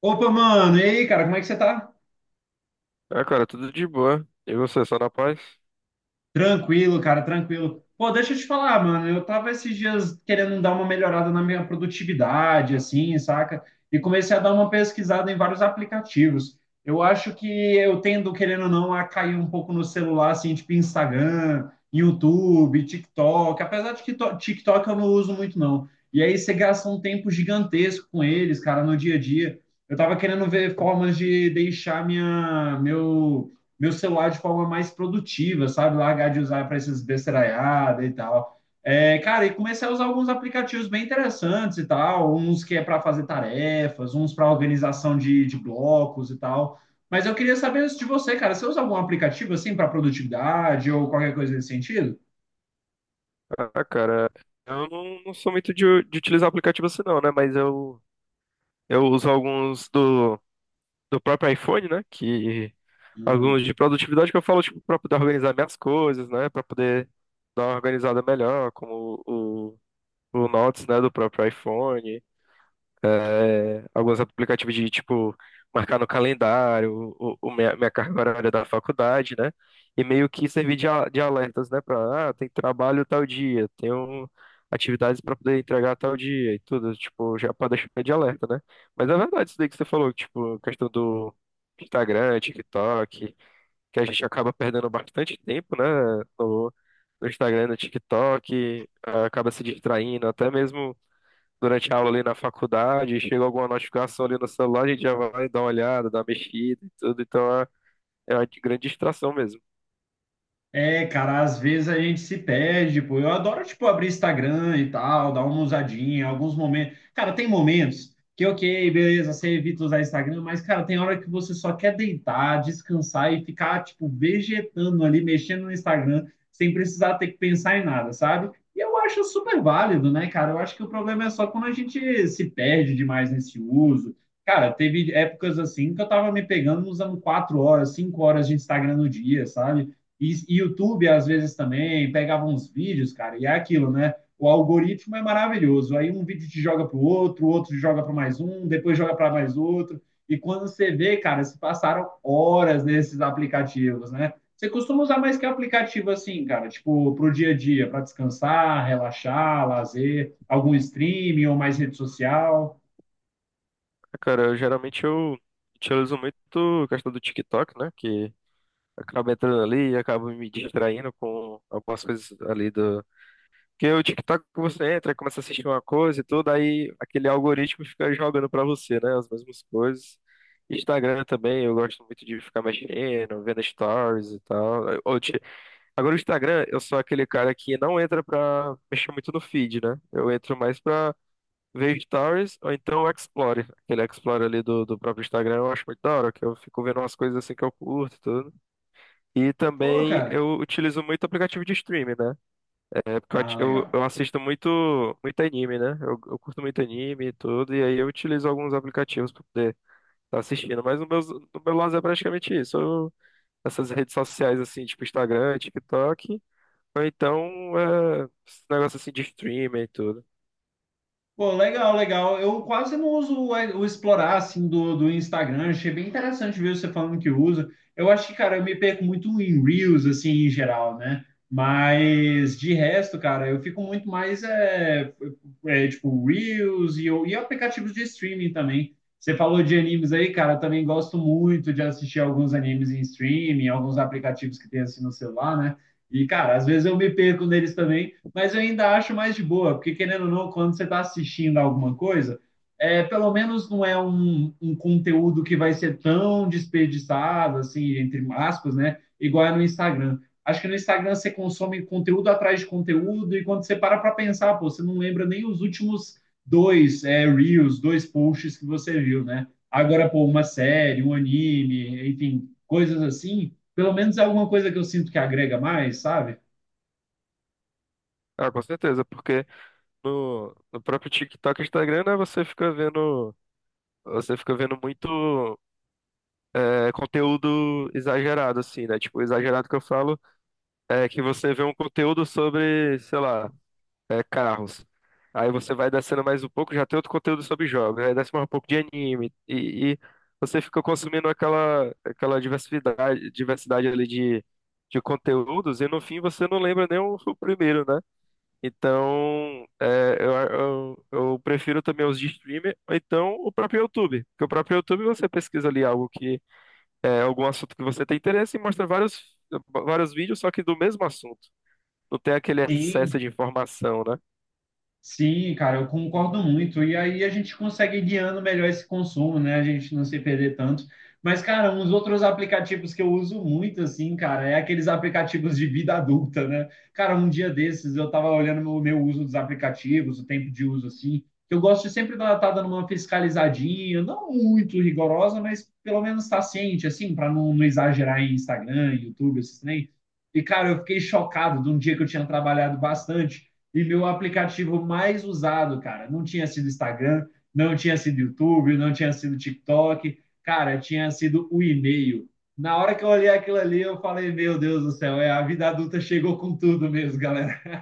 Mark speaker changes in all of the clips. Speaker 1: Opa, mano, e aí, cara, como é que você tá?
Speaker 2: Ah, cara, tudo de boa. E você, só na paz?
Speaker 1: Tranquilo, cara, tranquilo. Pô, deixa eu te falar, mano, eu tava esses dias querendo dar uma melhorada na minha produtividade, assim, saca? E comecei a dar uma pesquisada em vários aplicativos. Eu acho que eu tendo, querendo ou não, a cair um pouco no celular, assim, tipo Instagram, YouTube, TikTok, apesar de que TikTok eu não uso muito, não. E aí você gasta um tempo gigantesco com eles, cara, no dia a dia. Eu tava querendo ver formas de deixar minha, meu meu celular de forma mais produtiva, sabe? Largar de usar para essas besteiraiadas e tal. É, cara, e comecei a usar alguns aplicativos bem interessantes e tal, uns que é para fazer tarefas, uns para organização de blocos e tal. Mas eu queria saber isso de você, cara. Você usa algum aplicativo assim para produtividade ou qualquer coisa nesse sentido?
Speaker 2: Ah, cara, eu não sou muito de, utilizar aplicativo assim não, né? Mas eu uso alguns do próprio iPhone, né? Que alguns
Speaker 1: Hum.
Speaker 2: de produtividade que eu falo, tipo, pra poder organizar minhas coisas, né? Pra poder dar uma organizada melhor, como o Notes, né? Do próprio iPhone. É, alguns aplicativos de tipo marcar no calendário o minha carga horária da faculdade, né? E meio que servir de, de alertas, né? Para, ah, tem trabalho tal dia, tenho atividades para poder entregar tal dia e tudo, tipo, já para deixar de alerta, né? Mas é verdade isso daí que você falou, tipo, questão do Instagram, TikTok, que a gente acaba perdendo bastante tempo, né? No, no Instagram, no TikTok, acaba se distraindo, até mesmo durante a aula ali na faculdade, chega alguma notificação ali no celular, a gente já vai dar uma olhada, dar uma mexida e tudo, então é, é uma grande distração mesmo.
Speaker 1: É, cara, às vezes a gente se perde, pô. Eu adoro, tipo, abrir Instagram e tal, dar uma usadinha, alguns momentos. Cara, tem momentos que, ok, beleza, você evita usar Instagram, mas, cara, tem hora que você só quer deitar, descansar e ficar, tipo, vegetando ali, mexendo no Instagram, sem precisar ter que pensar em nada, sabe? E eu acho super válido, né, cara? Eu acho que o problema é só quando a gente se perde demais nesse uso. Cara, teve épocas assim que eu tava me pegando usando 4 horas, 5 horas de Instagram no dia, sabe? E YouTube, às vezes, também pegava uns vídeos, cara, e é aquilo, né? O algoritmo é maravilhoso. Aí um vídeo te joga para o outro joga para mais um, depois joga para mais outro. E quando você vê, cara, se passaram horas nesses aplicativos, né? Você costuma usar mais que aplicativo assim, cara? Tipo, para o dia a dia, para descansar, relaxar, lazer, algum streaming ou mais rede social?
Speaker 2: Ah, cara, eu, geralmente eu utilizo muito a questão do TikTok, né, que acaba entrando ali e acaba me distraindo com algumas coisas ali do... Porque o TikTok você entra, começa a assistir uma coisa e tudo, aí aquele algoritmo fica jogando pra você, né, as mesmas coisas. Instagram também, eu gosto muito de ficar mexendo, vendo stories e tal. Agora o Instagram, eu sou aquele cara que não entra pra mexer muito no feed, né? Eu entro mais pra ver stories ou então o Explore. Aquele Explore ali do próprio Instagram eu acho muito da hora, que eu fico vendo umas coisas assim que eu curto e tudo. E
Speaker 1: Pô,
Speaker 2: também
Speaker 1: cara.
Speaker 2: eu utilizo muito aplicativo de streaming, né? É porque eu,
Speaker 1: Ah,
Speaker 2: ati- eu
Speaker 1: legal.
Speaker 2: eu assisto muito anime, né? Eu curto muito anime e tudo, e aí eu utilizo alguns aplicativos pra poder estar assistindo. Mas no meu, no meu lado é praticamente isso. Eu, essas redes sociais assim, tipo Instagram, TikTok. Ou então, é, esse negócio assim de streamer e tudo.
Speaker 1: Pô, legal, legal. Eu quase não uso o explorar assim do, do Instagram. Achei bem interessante ver você falando que usa. Eu acho que, cara, eu me perco muito em Reels, assim, em geral, né? Mas de resto, cara, eu fico muito mais tipo Reels e, e aplicativos de streaming também. Você falou de animes aí, cara, eu também gosto muito de assistir alguns animes em streaming, alguns aplicativos que tem assim no celular, né? E, cara, às vezes eu me perco neles também, mas eu ainda acho mais de boa, porque querendo ou não, quando você está assistindo alguma coisa, é, pelo menos não é um, um conteúdo que vai ser tão desperdiçado, assim, entre aspas, né? Igual é no Instagram. Acho que no Instagram você consome conteúdo atrás de conteúdo, e quando você para para pensar, pô, você não lembra nem os últimos dois reels, dois posts que você viu, né? Agora, pô, uma série, um anime, enfim, coisas assim, pelo menos é alguma coisa que eu sinto que agrega mais, sabe?
Speaker 2: Ah, com certeza, porque no próprio TikTok e Instagram, né, você fica vendo muito é, conteúdo exagerado, assim, né? Tipo, exagerado que eu falo é que você vê um conteúdo sobre, sei lá, é, carros. Aí você vai descendo mais um pouco, já tem outro conteúdo sobre jogos. Aí desce mais um pouco de anime. E você fica consumindo aquela diversidade, diversidade ali de conteúdos. E no fim você não lembra nem o primeiro, né? Então, é, eu prefiro também os de streamer. Ou então o próprio YouTube. Porque o próprio YouTube você pesquisa ali algo que é algum assunto que você tem interesse e mostra vários, vários vídeos, só que do mesmo assunto. Não tem aquele excesso
Speaker 1: Sim,
Speaker 2: de informação, né?
Speaker 1: Sim, cara, eu concordo muito. E aí a gente consegue ir guiando melhor esse consumo, né? A gente não se perder tanto. Mas, cara, uns outros aplicativos que eu uso muito, assim, cara, é aqueles aplicativos de vida adulta, né? Cara, um dia desses eu tava olhando o meu, meu uso dos aplicativos, o tempo de uso, assim. Eu gosto de sempre estar dando uma fiscalizadinha, não muito rigorosa, mas pelo menos estar ciente, assim, para não, não exagerar em Instagram, YouTube, esses trem. E, cara, eu fiquei chocado de um dia que eu tinha trabalhado bastante. E meu aplicativo mais usado, cara, não tinha sido Instagram, não tinha sido YouTube, não tinha sido TikTok, cara, tinha sido o e-mail. Na hora que eu olhei aquilo ali, eu falei: Meu Deus do céu, é, a vida adulta chegou com tudo mesmo, galera.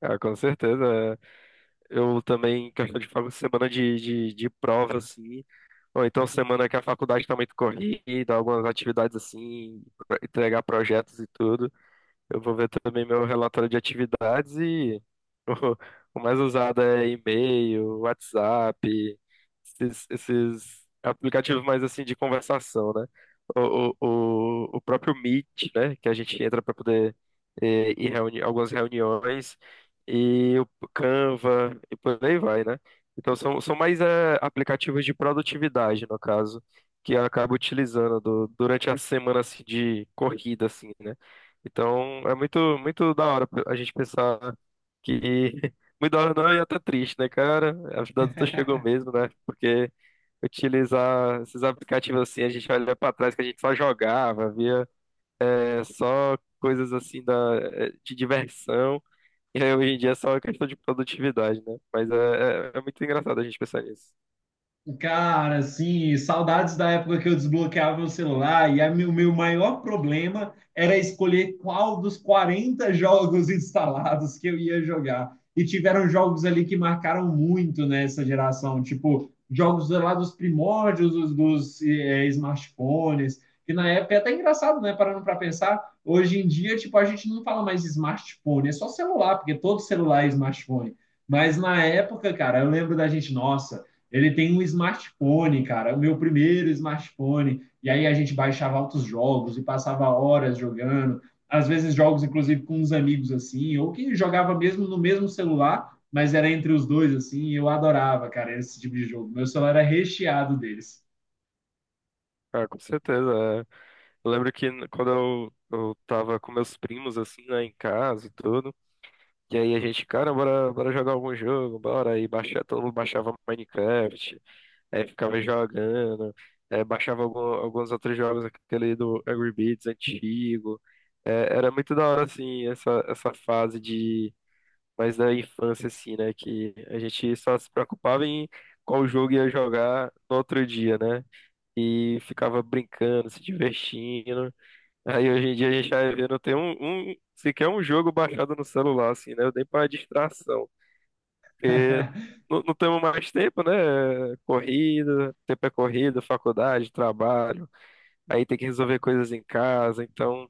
Speaker 2: Ah, com certeza. É. Eu também, em questão de semana de prova, assim, ou então semana que a faculdade está muito corrida, algumas atividades assim, pra entregar projetos e tudo. Eu vou ver também meu relatório de atividades e o mais usado é e-mail, WhatsApp, esses aplicativos mais assim de conversação, né? O, o, o próprio Meet, né? Que a gente entra para poder eh, ir reuni algumas reuniões e o Canva e por aí vai, né? Então são, são mais eh, aplicativos de produtividade, no caso, que eu acabo utilizando durante a semana assim, de corrida, assim, né? Então, é muito da hora a gente pensar que. Muito da hora não, e até triste, né, cara? A vida adulta chegou mesmo, né? Porque utilizar esses aplicativos assim, a gente olha pra trás que a gente só jogava, via é, só coisas assim da, é, de diversão. E aí, hoje em dia é só questão de produtividade, né? Mas é, é muito engraçado a gente pensar nisso.
Speaker 1: Cara, assim, saudades da época que eu desbloqueava meu celular e a o meu maior problema era escolher qual dos 40 jogos instalados que eu ia jogar. E tiveram jogos ali que marcaram muito nessa geração, tipo jogos lá dos primórdios dos, eh, smartphones, que na época é até engraçado, né? Parando para pensar, hoje em dia, tipo, a gente não fala mais smartphone, é só celular, porque todo celular é smartphone. Mas na época, cara, eu lembro da gente, nossa. Ele tem um smartphone, cara, o meu primeiro smartphone. E aí a gente baixava altos jogos e passava horas jogando. Às vezes jogos, inclusive, com uns amigos assim, ou que jogava mesmo no mesmo celular, mas era entre os dois assim. E eu adorava, cara, esse tipo de jogo. Meu celular era recheado deles.
Speaker 2: Ah, com certeza. É. Eu lembro que quando eu tava com meus primos, assim, né, em casa e tudo. E aí a gente, cara, bora, bora jogar algum jogo, bora. Aí baixa, todo mundo baixava Minecraft, aí ficava jogando, é, baixava alguns outros jogos, aquele do Angry Birds antigo. É, era muito da hora, assim, essa fase de mais da infância, assim, né? Que a gente só se preocupava em qual jogo ia jogar no outro dia, né? E ficava brincando, se divertindo. Aí hoje em dia a gente vai ver, não tem um, sequer um jogo baixado no celular, assim, né? Nem para distração. Porque não temos mais tempo, né? Corrida, tempo é corrida, faculdade, trabalho. Aí tem que resolver coisas em casa, então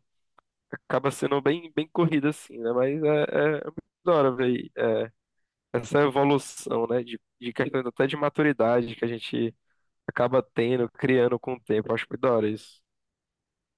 Speaker 2: acaba sendo bem, bem corrido, assim, né? Mas é, é muito da hora ver é, essa evolução, né? De questão até de maturidade que a gente acaba tendo, criando com o tempo. Acho muito da hora isso.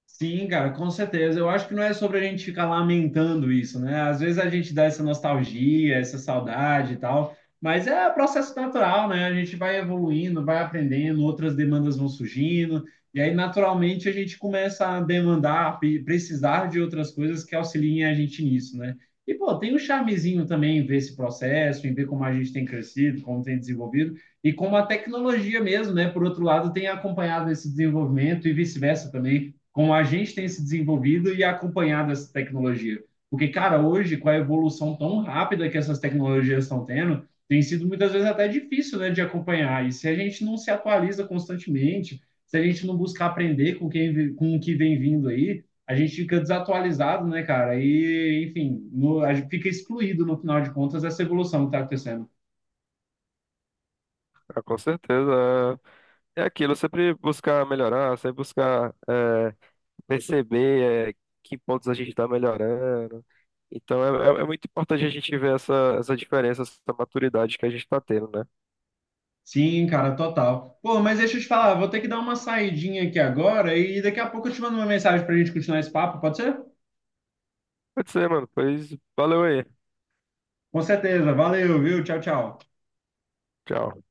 Speaker 1: Sim, cara, com certeza. Eu acho que não é sobre a gente ficar lamentando isso, né? Às vezes a gente dá essa nostalgia, essa saudade e tal, mas é processo natural, né? A gente vai evoluindo, vai aprendendo, outras demandas vão surgindo, e aí naturalmente a gente começa a demandar, precisar de outras coisas que auxiliem a gente nisso, né? E, pô, tem um charmezinho também em ver esse processo, em ver como a gente tem crescido, como tem desenvolvido, e como a tecnologia mesmo, né? Por outro lado, tem acompanhado esse desenvolvimento e vice-versa também como a gente tem se desenvolvido e acompanhado essa tecnologia. Porque, cara, hoje, com a evolução tão rápida que essas tecnologias estão tendo, tem sido muitas vezes até difícil, né, de acompanhar. E se a gente não se atualiza constantemente, se a gente não buscar aprender com quem com o que vem vindo aí, a gente fica desatualizado, né, cara? E, enfim, no, a gente fica excluído, no final de contas, dessa evolução que tá acontecendo.
Speaker 2: Ah, com certeza. É aquilo, sempre buscar melhorar, sempre buscar eh, perceber eh, que pontos a gente está melhorando. Então é, é muito importante a gente ver essa, essa diferença, essa maturidade que a gente está tendo, né?
Speaker 1: Sim, cara, total. Pô, mas deixa eu te falar, vou ter que dar uma saidinha aqui agora e daqui a pouco eu te mando uma mensagem pra gente continuar esse papo, pode ser?
Speaker 2: Pode ser, mano. Pois valeu aí.
Speaker 1: Com certeza. Valeu, viu? Tchau, tchau.
Speaker 2: Tchau.